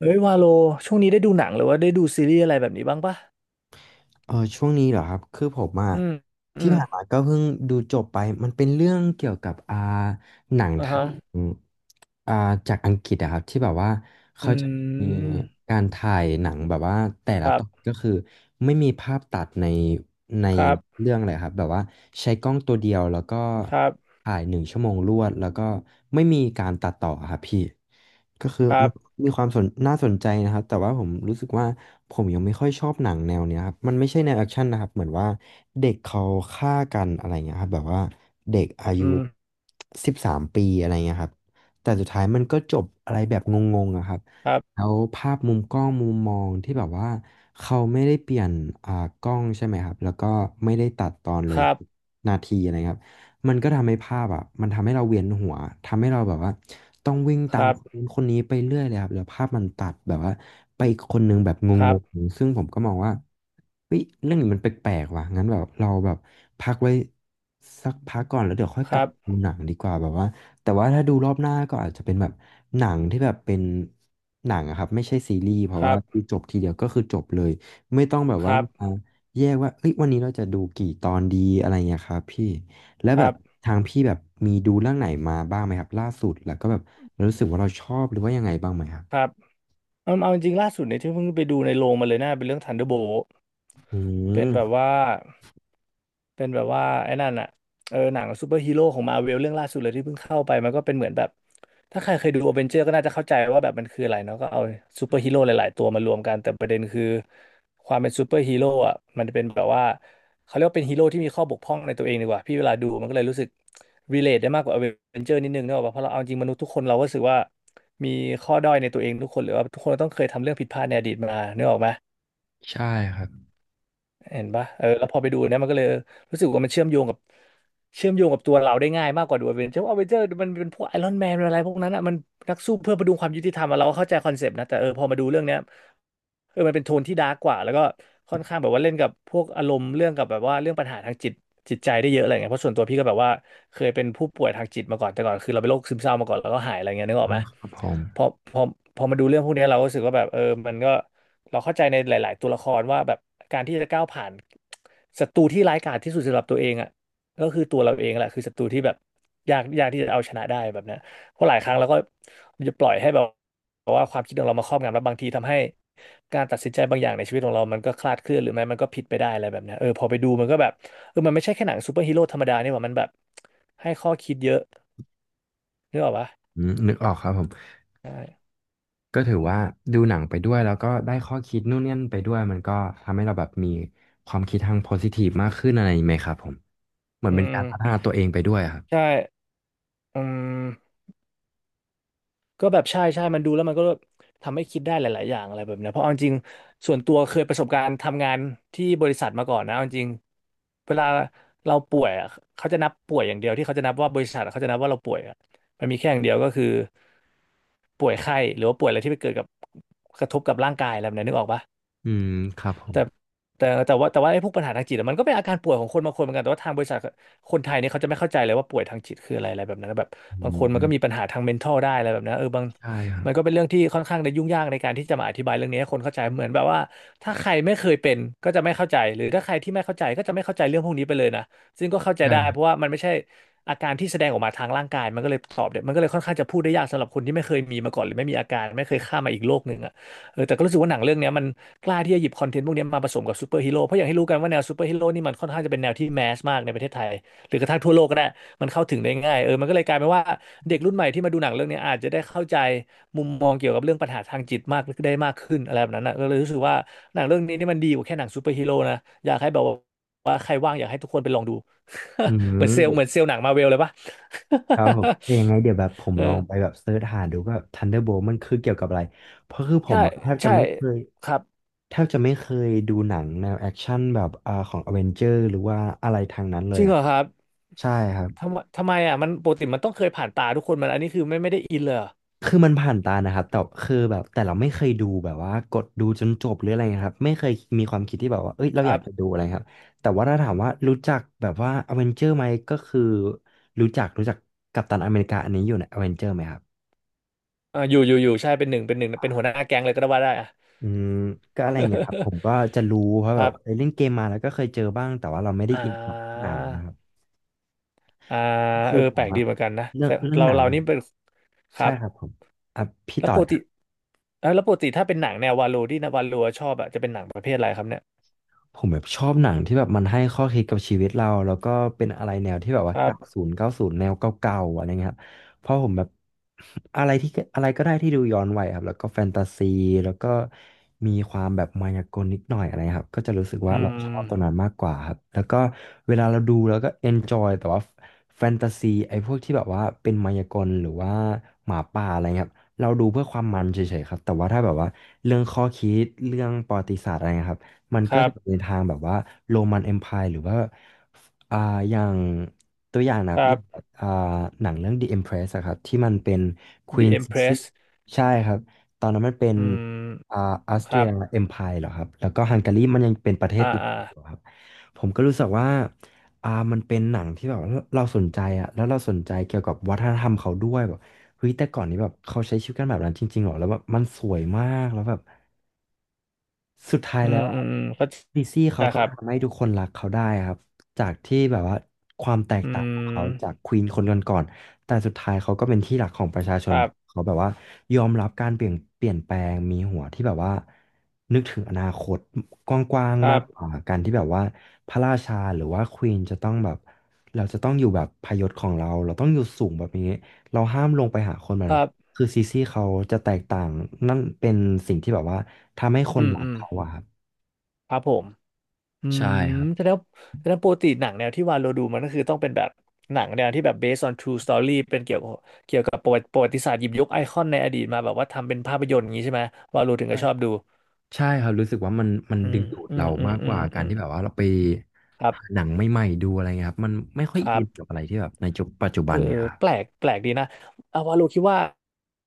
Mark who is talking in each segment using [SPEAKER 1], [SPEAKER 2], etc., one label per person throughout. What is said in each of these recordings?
[SPEAKER 1] เอ้ยวาโลช่วงนี้ได้ดูหนังหรือว่าได้ดูซีรีส์อะไรแบบนี้บ้างปะ
[SPEAKER 2] ช่วงนี้เหรอครับคือผมอะ
[SPEAKER 1] อืมอื
[SPEAKER 2] ที่
[SPEAKER 1] ม
[SPEAKER 2] ผ่านมาก็เพิ่งดูจบไปมันเป็นเรื่องเกี่ยวกับหนัง
[SPEAKER 1] อ่า
[SPEAKER 2] ไท
[SPEAKER 1] ฮะ
[SPEAKER 2] ย อ่าจากอังกฤษอะครับที่แบบว่า
[SPEAKER 1] อื
[SPEAKER 2] เขาจะมี
[SPEAKER 1] ม
[SPEAKER 2] การถ่ายหนังแบบว่าแต่
[SPEAKER 1] ค
[SPEAKER 2] ละ
[SPEAKER 1] รั
[SPEAKER 2] ตอน
[SPEAKER 1] บ
[SPEAKER 2] ก็คือไม่มีภาพตัดใน
[SPEAKER 1] ครับ
[SPEAKER 2] เรื่องเลยครับแบบว่าใช้กล้องตัวเดียวแล้วก็
[SPEAKER 1] ครับ
[SPEAKER 2] ถ่ายหนึ่งชั่วโมงรวดแล้วก็ไม่มีการตัดต่ออะครับพี่ก็คือ
[SPEAKER 1] ครั
[SPEAKER 2] มัน
[SPEAKER 1] บ
[SPEAKER 2] มีความน่าสนใจนะครับแต่ว่าผมรู้สึกว่าผมยังไม่ค่อยชอบหนังแนวเนี้ยครับมันไม่ใช่แนวแอคชั่นนะครับเหมือนว่าเด็กเขาฆ่ากันอะไรเงี้ยครับแบบว่าเด็กอายุ
[SPEAKER 1] อืม
[SPEAKER 2] 13 ปีอะไรเงี้ยครับ แต่สุดท้ายมันก็จบอะไรแบบงงๆอะครับ
[SPEAKER 1] ครับ
[SPEAKER 2] แล้วภาพมุมกล้องมุมมองที่แบบว่าเขาไม่ได้เปลี่ยนอ่ากล้องใช่ไหมครับแล้วก็ไม่ได้ตัดตอนเล
[SPEAKER 1] ค
[SPEAKER 2] ย
[SPEAKER 1] รับ
[SPEAKER 2] นาทีอะไรครับมันก็ทำให้ภาพอ่ะมันทำให้เราเวียนหัวทำให้เราแบบว่าต้องวิ่ง
[SPEAKER 1] ค
[SPEAKER 2] ตาม
[SPEAKER 1] รับ
[SPEAKER 2] คนนู้นคนนี้ไปเรื่อยเลยครับแล้วภาพมันตัดแบบว่าไปอีกคนนึงแบบง
[SPEAKER 1] ครั
[SPEAKER 2] ง
[SPEAKER 1] บ
[SPEAKER 2] ๆซึ่งผมก็มองว่าเฮ้ยเรื่องนี้มันแปลกๆว่ะงั้นแบบเราแบบพักไว้สักพักก่อนแล้วเดี๋ยวค่อย
[SPEAKER 1] ค
[SPEAKER 2] กลั
[SPEAKER 1] รั
[SPEAKER 2] บ
[SPEAKER 1] บ
[SPEAKER 2] ดูหนังดีกว่าแบบว่า แต่ว่าถ้าดูรอบหน้าก็อาจจะเป็นแบบหนังที่แบบเป็นหนังอะครับไม่ใช่ซีรีส์เพ
[SPEAKER 1] ค
[SPEAKER 2] ราะว่า
[SPEAKER 1] รับ
[SPEAKER 2] คือจบทีเดียวก็คือจบเลยไม่ต้องแบบ
[SPEAKER 1] ค
[SPEAKER 2] ว่า
[SPEAKER 1] รับค
[SPEAKER 2] มา
[SPEAKER 1] รับ
[SPEAKER 2] แยกว่าเอ้ยวันนี้เราจะดูกี่ตอนดีอะไรเงี้ยครับพี่แล้ว
[SPEAKER 1] ค
[SPEAKER 2] แบ
[SPEAKER 1] รั
[SPEAKER 2] บ
[SPEAKER 1] บ
[SPEAKER 2] ทางพี่แบบมีดูเรื่องไหนมาบ้างไหมครับล่าสุดแล้วก็แบบรู้สึกว่าเราชอบหรือว่ายังไงบ้างไหมครับ
[SPEAKER 1] ครับเอาเอาจริงๆล่าสุดเนี่ยที่เพิ่งไปดูในโรงมาเลยนะเป็นเรื่อง Thunderbolt
[SPEAKER 2] อื
[SPEAKER 1] เป็นแบบ
[SPEAKER 2] ม
[SPEAKER 1] ว่าเป็นแบบว่าไอ้นั่นอะเออหนังซูเปอร์ฮีโร่ของมาเวลเรื่องล่าสุดเลยที่เพิ่งเข้าไปมันก็เป็นเหมือนแบบถ้าใครเคยดูอเวนเจอร์ก็น่าจะเข้าใจว่าแบบมันคืออะไรเนาะก็เอาซูเปอร์ฮีโร่หลายๆตัวมารวมกันแต่ประเด็นคือความเป็นซูเปอร์ฮีโร่อะมันเป็นแบบว่าเขาเรียกว่าเป็นฮีโร่ที่มีข้อบกพร่องในตัวเองดีกว่าพี่เวลาดูมันก็เลยรู้สึกรเลทได้มากกว่าอเวนเจอร์นิดนึงเนกอะเพราะเราเอาจริงมนุษย์ทุกคนเราก็รู้สึกว่า มีข้อด้อยในตัวเองทุกคนหรือว่าทุกคนต้องเคยทำเรื่องผิดพลาดในอดีตมานึกออกไหม
[SPEAKER 2] ใช่ครับ
[SPEAKER 1] เห็นปะเออแล้วพอไปดูเนี่ยมันก็เลยรู้สึกว่ามันเชื่อมโยงกับเชื่อมโยงกับตัวเราได้ง่ายมากกว่าดูอเวนเจอร์อเวนเจอร์มันเป็นพวกไอรอนแมนอะไรพวกนั้นอ่ะมันนักสู้เพื่อประดุงความยุติธรรมอะเราก็เข้าใจคอนเซปต์นะแต่เออพอมาดูเรื่องเนี้ยเออมันเป็นโทนที่ดาร์กกว่าแล้วก็ค่อนข้างแบบว่าเล่นกับพวกอารมณ์เรื่องกับแบบว่าเรื่องปัญหาทางจิตจิตใจได้เยอะอะไรเงี้ยเพราะส่วนตัวพี่ก็แบบว่าเคยเป็นผู้ป่วยทางจิตมาก่อนแต่ก่อนคือเราเป็นโรคซึมเศร้ามาก่อนแล้วก็หายอะไรเงี้ยนึกอ
[SPEAKER 2] อ
[SPEAKER 1] อกไหม
[SPEAKER 2] อครับผม
[SPEAKER 1] พอพอพอมาดูเรื่องพวกเนี้ยเราก็รู้สึกว่าแบบเออมันก็ เราเข้าใจในหลายๆตัวละครว่าแบบการที่จะก้าวผ่านศัตรูที่ร้ายกาจที่สุดสำหรับตัวเองอ่ะก็คือตัวเราเองแหละคือศัตรูที่แบบยากยากที่จะเอาชนะได้แบบเนี้ยเพราะหลายครั้งเราก็จะปล่อยให้แบบว่าความคิดของเรามาครอบงำแล้วบางทีทำให้การตัดสินใจบางอย่างในชีวิตของเรามันก็คลาดเคลื่อนหรือไม่มันก็ผิดไปได้อะไรแบบเนี้ยเออพอไปดูมันก็แบบเออมันไม่ใช่แค่หนังซูเปอร์ฮีโร่ธรรมดานี่หว่ามันแบบให้ข้อคิดเยอะนึกออกปะ
[SPEAKER 2] อืมนึกออกครับผม
[SPEAKER 1] ใช่
[SPEAKER 2] ก็ถือว่าดูหนังไปด้วยแล้วก็ได้ข้อคิดนู่นนี่ยนไปด้วยมันก็ทำให้เราแบบมีความคิดทางโพซิทีฟมากขึ้นอะไรอย่างนี้ไหมครับผมเหมือน
[SPEAKER 1] อื
[SPEAKER 2] เป็น
[SPEAKER 1] ม
[SPEAKER 2] การพัฒนาตัวเองไปด้วยอะครับ
[SPEAKER 1] ใช่อืม ก็แบบใช่ใช่มันดูแล้วมันก็ทำให้คิดได้หลายๆอย่างอะไรแบบเนี้ยเพราะเอาจริงๆส่วนตัวเคยประสบการณ์ทำงานที่บริษัทมาก่อนนะเอาจริงเวลาเราป่วยอะเขาจะนับป่วยอย่างเดียวที่เขาจะนับว่าบริษัทอะเขาจะนับว่าเราป่วยอะมันมีแค่อย่างเดียวก็คือป่วยไข้หรือว่าป่วยอะไรที่ไปเกิดกับกระทบกับร่างกายอะไรแบบเนี้ยนึกออกปะ
[SPEAKER 2] อืมครับผม
[SPEAKER 1] แต่แต่ว่าไอ้พวกปัญหาทางจิตอะมันก็เป็นอาการป่วยของคนบางคนเหมือนกันแต่ว่าทางบริษัทคนไทยเนี่ยเขาจะไม่เข้าใจเลยว่าป่วยทางจิตคืออะไรอะไรแบบนั้นนะแบบ
[SPEAKER 2] อื
[SPEAKER 1] บางคนมันก็มีปั
[SPEAKER 2] ม
[SPEAKER 1] ญหาทาง mental ได้อะไรแบบนั้นเออบาง
[SPEAKER 2] ใช่ครับ
[SPEAKER 1] มันก็เป็นเรื่องที่ค่อนข้างจะยุ่งยากในการที่จะมาอธิบายเรื่องนี้ให้คนเข้าใจเหมือนแบบว่าถ้าใครไม่เคยเป็นก็จะไม่เข้าใจหรือถ้าใครที่ไม่เข้าใจก็จะไม่เข้าใจเรื่องพวกนี้ไปเลยนะซึ่งก็เข้าใจ
[SPEAKER 2] ใช่
[SPEAKER 1] ได้
[SPEAKER 2] ครับ
[SPEAKER 1] เพราะว่ามันไม่ใช่อาการที่แสดงออกมาทางร่างกายมันก็เลยตอบเนี่ยมันก็เลยค่อนข้างจะพูดได้ยากสำหรับคนที่ไม่เคยมีมาก่อนหรือไม่มีอาการไม่เคยข้ามมาอีกโลกหนึ่งอะ แต่ก็รู้สึกว่าหนังเรื่องเนี้ยมันกล้าที่จะหยิบคอนเทนต์พวกเนี้ยมาผสมกับซูเปอร์ฮีโร่เพราะอย่างที่รู้กันว่าแนวซูเปอร์ฮีโร่นี่มันค่อนข้างจะเป็นแนวที่แมสมากในประเทศไทยหรือกระทั่งทั่วโลกก็ได้มันเข้าถึงได้ง่ายมันก็เลยกลายเป็นว่าเด็กรุ่นใหม่ที่มาดูหนังเรื่องเนี้ยอาจจะได้เข้าใจมุมมองเกี่ยวกับเรื่องปัญหาทางจิตมากได้มากขึ้นอะไรแบบนั้นนะก็เลยรู้สึกว่าหนังเรื่องนี้นี่มันดีกว่าแค่หนังซูเปอร์ฮีโร่นะอยากให้แบบว่าใครว่างอยากให้ทุกคนไปลองดู
[SPEAKER 2] อื
[SPEAKER 1] เหมือนเซลล์เหมื
[SPEAKER 2] ม
[SPEAKER 1] อนเซลล์หนังมาเวลเลยปะ
[SPEAKER 2] ครับผม แต่ยังไงเดี๋ยวแบบผมลอง
[SPEAKER 1] เอ
[SPEAKER 2] ไป
[SPEAKER 1] อ
[SPEAKER 2] แบบเซิร์ชหาดูว่า Thunderbolt มันคือเกี่ยวกับอะไรเพราะคือผ
[SPEAKER 1] ใช่
[SPEAKER 2] มอะ
[SPEAKER 1] ใช่ครับ
[SPEAKER 2] แทบจะไม่เคยดูหนังแนวแอคชั่นแบบของอเวนเจอร์หรือว่าอะไรทางนั้นเล
[SPEAKER 1] จ
[SPEAKER 2] ย
[SPEAKER 1] ริง
[SPEAKER 2] อ่ะ
[SPEAKER 1] เหรอครับ
[SPEAKER 2] ใช่ครับ
[SPEAKER 1] ทำไมอ่ะมันปกติมันต้องเคยผ่านตาทุกคนมันอันนี้คือไม่ได้อินเลยเหรอ
[SPEAKER 2] คือมันผ่านตานะครับแต่คือแบบแต่เราไม่เคยดูแบบว่ากดดูจนจบหรืออะไรนะครับไม่เคยมีความคิดที่แบบว่าเอ้ยเรา
[SPEAKER 1] ค
[SPEAKER 2] อ
[SPEAKER 1] รั
[SPEAKER 2] ยากจะดู
[SPEAKER 1] บ
[SPEAKER 2] อะไรครับแต่ว่าถ้าถามว่ารู้จักแบบว่าอเวนเจอร์ไหมก็คือรู้จักกัปตันอเมริกาอันนี้อยู่ในอเวนเจอร์ไหมครับ
[SPEAKER 1] เอออยู่อยู่อยู่ใช่เป็นหนึ่งเป็นหัวหน้าแก๊งเลยก็ได้ว่าได้อ่ะ
[SPEAKER 2] อืมก็อะไรอย่างเงี้ยครับผ มก็จะรู้เพราะ
[SPEAKER 1] ค
[SPEAKER 2] แบบ
[SPEAKER 1] รั
[SPEAKER 2] เคย
[SPEAKER 1] บ
[SPEAKER 2] เล่นเกมมาแล้วก็เคยเจอบ้างแต่ว่าเราไม่ได้
[SPEAKER 1] อ่
[SPEAKER 2] อินกับห
[SPEAKER 1] า
[SPEAKER 2] นังนะครับ
[SPEAKER 1] อ่า
[SPEAKER 2] ก็คือผ
[SPEAKER 1] แปล
[SPEAKER 2] ม
[SPEAKER 1] กดี
[SPEAKER 2] อะ
[SPEAKER 1] เหมือนกันนะ
[SPEAKER 2] เรื่อง
[SPEAKER 1] แต่
[SPEAKER 2] เรื่อง
[SPEAKER 1] เรา
[SPEAKER 2] หนัง
[SPEAKER 1] เรานี่เป็นครั
[SPEAKER 2] ใช่
[SPEAKER 1] บ
[SPEAKER 2] ครับผมอ่ะพี่
[SPEAKER 1] แล้ว
[SPEAKER 2] ต่อ
[SPEAKER 1] ปกติแล้วปกติถ้าเป็นหนังแนววาโลที่นะวาโลชอบอ่ะจะเป็นหนังประเภทอะไรครับเนี่ย
[SPEAKER 2] ผมแบบชอบหนังที่แบบมันให้ข้อคิดกับชีวิตเราแล้วก็เป็นอะไรแนวที่แบบ
[SPEAKER 1] ค
[SPEAKER 2] ว่า
[SPEAKER 1] รับ
[SPEAKER 2] 9090แนวเก่าๆอะไรเงี้ยครับเพราะผมแบบ อะไรที่อะไรก็ได้ที่ดูย้อนวัยครับแล้วก็แฟนตาซีแล้วก็มีความแบบมายากลนิดหน่อยอะไรครับก็จะรู้สึกว่า
[SPEAKER 1] อื
[SPEAKER 2] เราชอบ
[SPEAKER 1] ม
[SPEAKER 2] ตรงนั้นมากกว่าครับแล้วก็เวลาเราดูแล้วก็เอนจอยแต่ว่าแฟนตาซีไอ้พวกที่แบบว่าเป็นมายากลหรือว่าหมาป่าอะไรเงี้ยครับเราดูเพื่อความมันเฉยๆครับแต่ว่าถ้าแบบว่าเรื่องข้อคิดเรื่องประวัติศาสตร์อะไรเงี้ยครับ มัน
[SPEAKER 1] ค
[SPEAKER 2] ก็
[SPEAKER 1] รับ
[SPEAKER 2] จะในทางแบบว่าโรมันเอ็มไพายหรือว่าอ่า อย่างตัวอย่างนะค
[SPEAKER 1] ค
[SPEAKER 2] รับ
[SPEAKER 1] รั
[SPEAKER 2] อย่า
[SPEAKER 1] บ
[SPEAKER 2] งอ่าหนังเรื่อง The Empress อะครับที่มันเป็น Queen
[SPEAKER 1] The
[SPEAKER 2] Sissi
[SPEAKER 1] Empress
[SPEAKER 2] ใช่ครับ ตอนนั้นมันเป็น
[SPEAKER 1] อื
[SPEAKER 2] อ่า
[SPEAKER 1] ม
[SPEAKER 2] ออสเต
[SPEAKER 1] ค
[SPEAKER 2] รี
[SPEAKER 1] รั
[SPEAKER 2] ย
[SPEAKER 1] บ
[SPEAKER 2] เอ็มไพายเหรอครับแล้วก็ฮังการีมันยังเป็นประเทศ
[SPEAKER 1] อ่า
[SPEAKER 2] เดียว
[SPEAKER 1] อ่า
[SPEAKER 2] กันอยู่ครับ ผมก็รู้สึกว่ามันเป็นหนังที่แบบว่าเราสนใจอะแล้วเราสนใจเกี่ยวกับวัฒนธรรมเขาด้วยแบบเฮ้ยแต่ก่อนนี้แบบเขาใช้ชีวิตกันแบบนั้นจริงๆเหรอแล้วแบบมันสวยมากแล้วแบบ สุดท้าย
[SPEAKER 1] อื
[SPEAKER 2] แล้
[SPEAKER 1] ม
[SPEAKER 2] ว
[SPEAKER 1] อืมอืมเข้าใจ
[SPEAKER 2] ดีซี่เขา
[SPEAKER 1] ค
[SPEAKER 2] ก็
[SPEAKER 1] รับ
[SPEAKER 2] ทำให้ทุกคนรักเขาได้ครับจากที่แบบว่าความแตก
[SPEAKER 1] อื
[SPEAKER 2] ต่างของเขาจาก
[SPEAKER 1] ม
[SPEAKER 2] ควีนคนก่อนๆแต่สุดท้ายเขาก็เป็นที่รักของประชาช
[SPEAKER 1] ค
[SPEAKER 2] น
[SPEAKER 1] รับ
[SPEAKER 2] เขาแบบว่ายอมรับการเปลี่ยนแปลงมีหัวที่แบบว่านึกถึงอนาคตกว้าง
[SPEAKER 1] ค
[SPEAKER 2] ๆ
[SPEAKER 1] รั
[SPEAKER 2] มาก
[SPEAKER 1] บ
[SPEAKER 2] กว่าการที่แบบว่าพระราชาหรือว่าควีนจะต้องแบบเราจะต้องอยู่แบบพยศของเราเราต้องอยู่สูงแบบนี้เราห้ามลงไปหาคนแบบ
[SPEAKER 1] ค
[SPEAKER 2] นั้
[SPEAKER 1] รั
[SPEAKER 2] น
[SPEAKER 1] บ
[SPEAKER 2] คือซีซี่เขาจะแตกต่างนั่นเป็นสิ่งที่แบบว่า ทำให้ค
[SPEAKER 1] อื
[SPEAKER 2] น
[SPEAKER 1] ม
[SPEAKER 2] รั
[SPEAKER 1] อื
[SPEAKER 2] ก
[SPEAKER 1] ม
[SPEAKER 2] เขาอะครับ
[SPEAKER 1] ครับผม อื
[SPEAKER 2] ใช่
[SPEAKER 1] ม
[SPEAKER 2] ครับ
[SPEAKER 1] แสดงว่าแสดงว่าปกติหนังแนวที่วาโลดูมันก็คือต้องเป็นแบบหนังแนวที่แบบ based on true story เป็นเกี่ยวกับเกี่ยวกับประวัติศาสตร์หยิบยกไอคอนในอดีตมาแบบว่าทำเป็นภาพยนตร์อย่างนี้ใช่ไหมวาโลถึง
[SPEAKER 2] ใช่
[SPEAKER 1] ก็ชอบดู
[SPEAKER 2] ใช่ครับรู้สึกว่ามัน
[SPEAKER 1] อื
[SPEAKER 2] ดึ
[SPEAKER 1] ม
[SPEAKER 2] งดูด
[SPEAKER 1] อื
[SPEAKER 2] เรา
[SPEAKER 1] ม อืม
[SPEAKER 2] มาก
[SPEAKER 1] อื
[SPEAKER 2] ก
[SPEAKER 1] ม
[SPEAKER 2] ว่ากา
[SPEAKER 1] อื
[SPEAKER 2] ร
[SPEAKER 1] ม
[SPEAKER 2] ที่แบบว่าเราไป
[SPEAKER 1] ครั
[SPEAKER 2] หา
[SPEAKER 1] บ
[SPEAKER 2] หนังใหม่ๆดูอะไรเงี้ยครับมันไม่ค่อย
[SPEAKER 1] ครั
[SPEAKER 2] อิ
[SPEAKER 1] บ
[SPEAKER 2] นกับอะไรที่แบบในจุปัจจุ
[SPEAKER 1] เอ
[SPEAKER 2] บั
[SPEAKER 1] อ
[SPEAKER 2] นเนี่ยครับ
[SPEAKER 1] แปลกดีนะเอาวาโลคิดว่า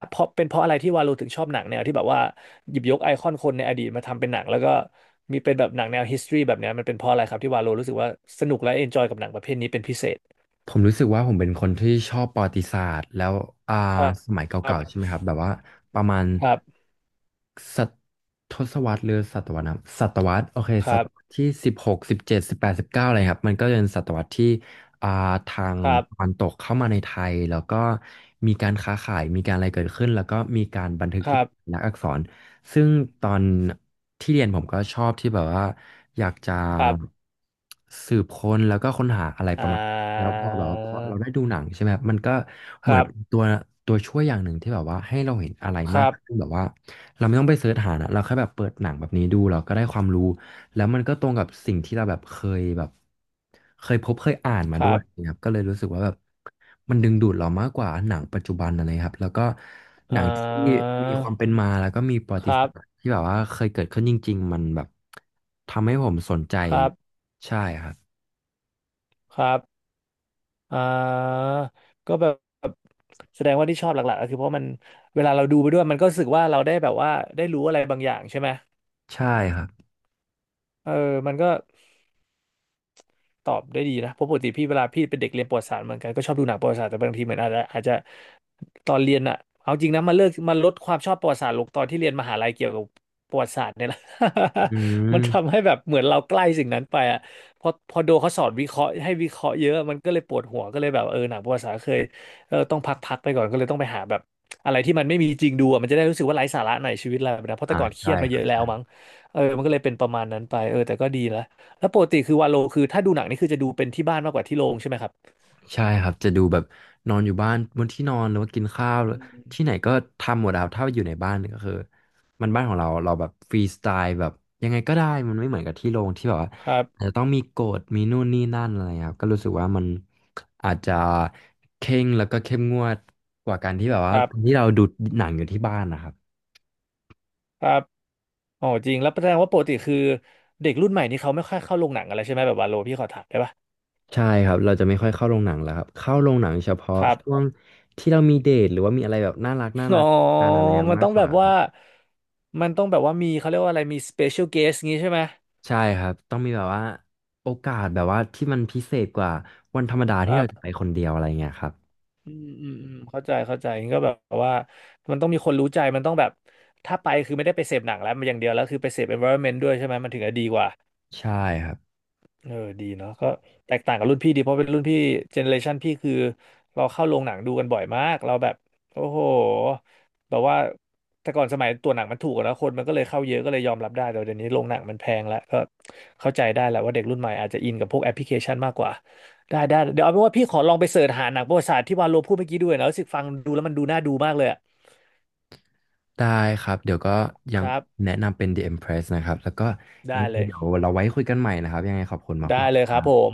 [SPEAKER 1] เพราะเป็นเพราะอะไรที่วาโลถึงชอบหนังแนวที่แบบว่าหยิบยกไอคอนคนในอดีตมาทำเป็นหนังแล้วก็มีเป็นแบบหนังแนว history แบบเนี้ยมันเป็นเพราะอะไรครับที่วาโลรู้สึกว่าสนุกและเอนจอยกับหนังประเภทนี้เป็นพิเศษ
[SPEAKER 2] ผมรู้สึกว่าผมเป็นคนที่ชอบประวัติศาสตร์แล้วอ่า
[SPEAKER 1] ครับ
[SPEAKER 2] สมัย
[SPEAKER 1] ครับ
[SPEAKER 2] เก่าๆใช่ไหมครับแบบว่าประมาณ
[SPEAKER 1] ครับ
[SPEAKER 2] ศตทศวรรษหรือศตวรรษนะศตวรรษโอเค
[SPEAKER 1] ค
[SPEAKER 2] ศ
[SPEAKER 1] รั
[SPEAKER 2] ตวรรษ
[SPEAKER 1] บ
[SPEAKER 2] ที่16171819อะไรครับมันก็เป็นศตวรรษที่อ่าทาง
[SPEAKER 1] ครับ
[SPEAKER 2] ตะวันตกเข้ามาในไทยแล้วก็มีการค้าขายมีการอะไรเกิดขึ้นแล้วก็มีการบันทึกที่เป็นลักษณ์อักษรซึ่งตอนที่เรียนผมก็ชอบที่แบบว่าอยากจะ
[SPEAKER 1] ครับ
[SPEAKER 2] สืบค้นแล้วก็ค้นหาอะไรป
[SPEAKER 1] อ่
[SPEAKER 2] ระมาณ แล้วพ
[SPEAKER 1] า
[SPEAKER 2] อแบบว่าพอเราได้ดูหนังใช่ไหมครับมันก็
[SPEAKER 1] ค
[SPEAKER 2] เหมือน
[SPEAKER 1] รั
[SPEAKER 2] เป็น
[SPEAKER 1] บ
[SPEAKER 2] ตัวช่วยอย่างหนึ่งที่แบบว่าให้เราเห็นอะไร
[SPEAKER 1] ค
[SPEAKER 2] มาก
[SPEAKER 1] รับ
[SPEAKER 2] ขึ้นแบบว่าเราไม่ต้องไปเสิร์ชหานะเราแค่แบบเปิดหนังแบบนี้ดูเราก็ได้ความรู้แล้วมันก็ตรงกับสิ่งที่เราแบบเคยแบบเคยพบเคยอ่านมา
[SPEAKER 1] ค
[SPEAKER 2] ด้ว
[SPEAKER 1] รั
[SPEAKER 2] ย
[SPEAKER 1] บ
[SPEAKER 2] นะครับก็เลยรู้สึกว่าแบบมันดึงดูดเรามากกว่าหนังปัจจุบันอะไรครับแล้วก็ห
[SPEAKER 1] อ่
[SPEAKER 2] นังที่
[SPEAKER 1] า
[SPEAKER 2] มีความเป็นมาแล้วก็มีประวั
[SPEAKER 1] ค
[SPEAKER 2] ติ
[SPEAKER 1] รั
[SPEAKER 2] ศา
[SPEAKER 1] บ
[SPEAKER 2] สตร์ที่แบบว่าเคยเกิดขึ้นจริงๆมันแบบทำให้ผมสนใจ
[SPEAKER 1] ครับ
[SPEAKER 2] ใช่ครับ
[SPEAKER 1] ครับ อ่าก็แบบแสดงว่าที่ชอบหลักๆก็คือเพราะมันเวลาเราดูไปด้วยมันก็รู้สึกว่าเราได้แบบว่าได้รู้อะไรบางอย่างใช่ไหม
[SPEAKER 2] ใช่ครับ
[SPEAKER 1] เออมันก็ ตอบได้ดีนะเพราะปกติพี่เวลาพี่เป็นเด็กเรียนประวัติศาสตร์เหมือนกันก็ชอบดูหนังประวัติศาสตร์แต่บางทีเหมือนอาจจะตอนเรียนอะเอาจริงนะมาเลิกมาลดความชอบประวัติศาสตร์ลงตอนที่เรียนมหาลัยเกี่ยวกับประวัติศาสตร์เนี่ยแหละ
[SPEAKER 2] อื
[SPEAKER 1] มันทำ
[SPEAKER 2] ม
[SPEAKER 1] ให้แบบเหมือนเราใกล้สิ่งนั้นไปอะพอโดเขาสอนวิเคราะห์ให้วิเคราะห์เยอะมันก็เลยปวดหัวก็เลยแบบเออหนังประวัติศาสตร์เคยเออต้องพักไปก่อนก็เลยต้องไปหาแบบอะไรที่มันไม่มีจริงดูอะมันจะได้รู้สึกว่าไร้สาระหน่อยชีวิตเราแบบนะเพราะแต่ก่อนเครีย
[SPEAKER 2] ใช่
[SPEAKER 1] ดมา
[SPEAKER 2] ค
[SPEAKER 1] เย
[SPEAKER 2] รับ
[SPEAKER 1] อะแล้
[SPEAKER 2] ใช่
[SPEAKER 1] ว
[SPEAKER 2] ครับ
[SPEAKER 1] มั้งมันก็เลยเป็นประมาณนั้นไปเออแต่ก็ดีละ แล้วปกติคือวาโลคือถ้าดูหนังนี่คือจะดูเป็นที่บ้านมากกว่าที่โรงใช่ไหมครับ
[SPEAKER 2] ใช่ครับจะดูแบบนอนอยู่บ้านบนที่นอนหรือว่ากินข้าวหรือ
[SPEAKER 1] อ
[SPEAKER 2] ที่ไหนก็ทำหมดแล้วถ้าอยู่ในบ้านก็คือมันบ้านของเราเราแบบฟรีสไตล์แบบยังไงก็ได้มันไม่เหมือนกับที่โรงที่แบบว่า
[SPEAKER 1] ครับ
[SPEAKER 2] อาจจะต้องมีกฎมีนู่นนี่นั่นอะไรครับก็รู้สึกว่ามันอาจจะเคร่งแล้วก็เข้มงวดกว่าการที่แบบ
[SPEAKER 1] ค
[SPEAKER 2] ว่า
[SPEAKER 1] รับ
[SPEAKER 2] ที่เราดูหนังอยู่ที่บ้านนะครับ
[SPEAKER 1] ครับอ๋อจริงแล้วแสดงว่าปกติคือเด็กรุ่นใหม่นี่เขาไม่ค่อยเข้าโรงหนังอะไรใช่ไหมแบบวาโลพี่ขอถามได้ปะ
[SPEAKER 2] ใช่ครับเราจะไม่ค่อยเข้าโรงหนังแล้วครับเข้าโรงหนังเฉพาะ
[SPEAKER 1] ครับ
[SPEAKER 2] ช่วงที่เรามีเดทหรือว่ามีอะไรแบบน่ารักน่า
[SPEAKER 1] อ๋
[SPEAKER 2] รั
[SPEAKER 1] อ
[SPEAKER 2] กกันอะไร
[SPEAKER 1] มัน
[SPEAKER 2] มา
[SPEAKER 1] ต้
[SPEAKER 2] ก
[SPEAKER 1] อง
[SPEAKER 2] ก
[SPEAKER 1] แบ
[SPEAKER 2] ว่า
[SPEAKER 1] บ
[SPEAKER 2] ค
[SPEAKER 1] ว่า
[SPEAKER 2] รับ
[SPEAKER 1] มันต้องแบบว่ามีเขาเรียกว่าอะไรมี special guest งี้ใช่ไหม
[SPEAKER 2] ใช่ครับ ต้องมีแบบว่าโอกาสแบบว่าที่มันพิเศษกว่าวันธรรมดา
[SPEAKER 1] ค
[SPEAKER 2] ที่
[SPEAKER 1] รั
[SPEAKER 2] เรา
[SPEAKER 1] บ
[SPEAKER 2] จะไปคนเดียวอะไรเงี้ยครับ
[SPEAKER 1] อืมอืมอืมเข้าใจเข้าใจงั้นก็แบบว่ามันต้องมีคนรู้ใจมันต้องแบบถ้าไปคือไม่ได้ไปเสพหนังแล้วมันอย่างเดียวแล้วคือไปเสพ environment ด้วยใช่ไหมมันถึงจะดีกว่า
[SPEAKER 2] ใช่ครับ
[SPEAKER 1] เออดีเนาะก็แตกต่างกับรุ่นพี่ดีเพราะเป็นรุ่นพี่เจเนอเรชันพี่คือเราเข้าโรงหนังดูกันบ่อยมากเราแบบโอ้โหแบบว่าแต่ก่อนสมัยตัวหนังมันถูกอะนะคนมันก็เลยเข้าเยอะก็เลยยอมรับได้แต่เดี๋ยวนี้โรงหนังมันแพงแล้วก็เข้าใจได้แหละว่าเด็กรุ่นใหม่อาจจะอินกับพวกแอปพลิเคชันมากกว่าได้ได้เดี๋ยวเอาเป็นว่าพี่ขอลองไปเสิร์ชหาหนังประวัติศาสตร์ที่วาโลพูดเมื่อกี้ด้วยนะรู้สึกฟังดูแล้วมันดูน่าดูมากเลยอะ
[SPEAKER 2] ได้ครับเดี๋ยวก็ยั
[SPEAKER 1] ค
[SPEAKER 2] ง
[SPEAKER 1] รับ
[SPEAKER 2] แนะนำเป็น The Empress นะครับ แล้วก็ยัง
[SPEAKER 1] ได้
[SPEAKER 2] ไง
[SPEAKER 1] เลย
[SPEAKER 2] เดี๋ยวเราไว้คุยกันใหม่นะครับ ยังไงขอบคุณ
[SPEAKER 1] ได้
[SPEAKER 2] มาก
[SPEAKER 1] เลย
[SPEAKER 2] ๆ
[SPEAKER 1] ครับผม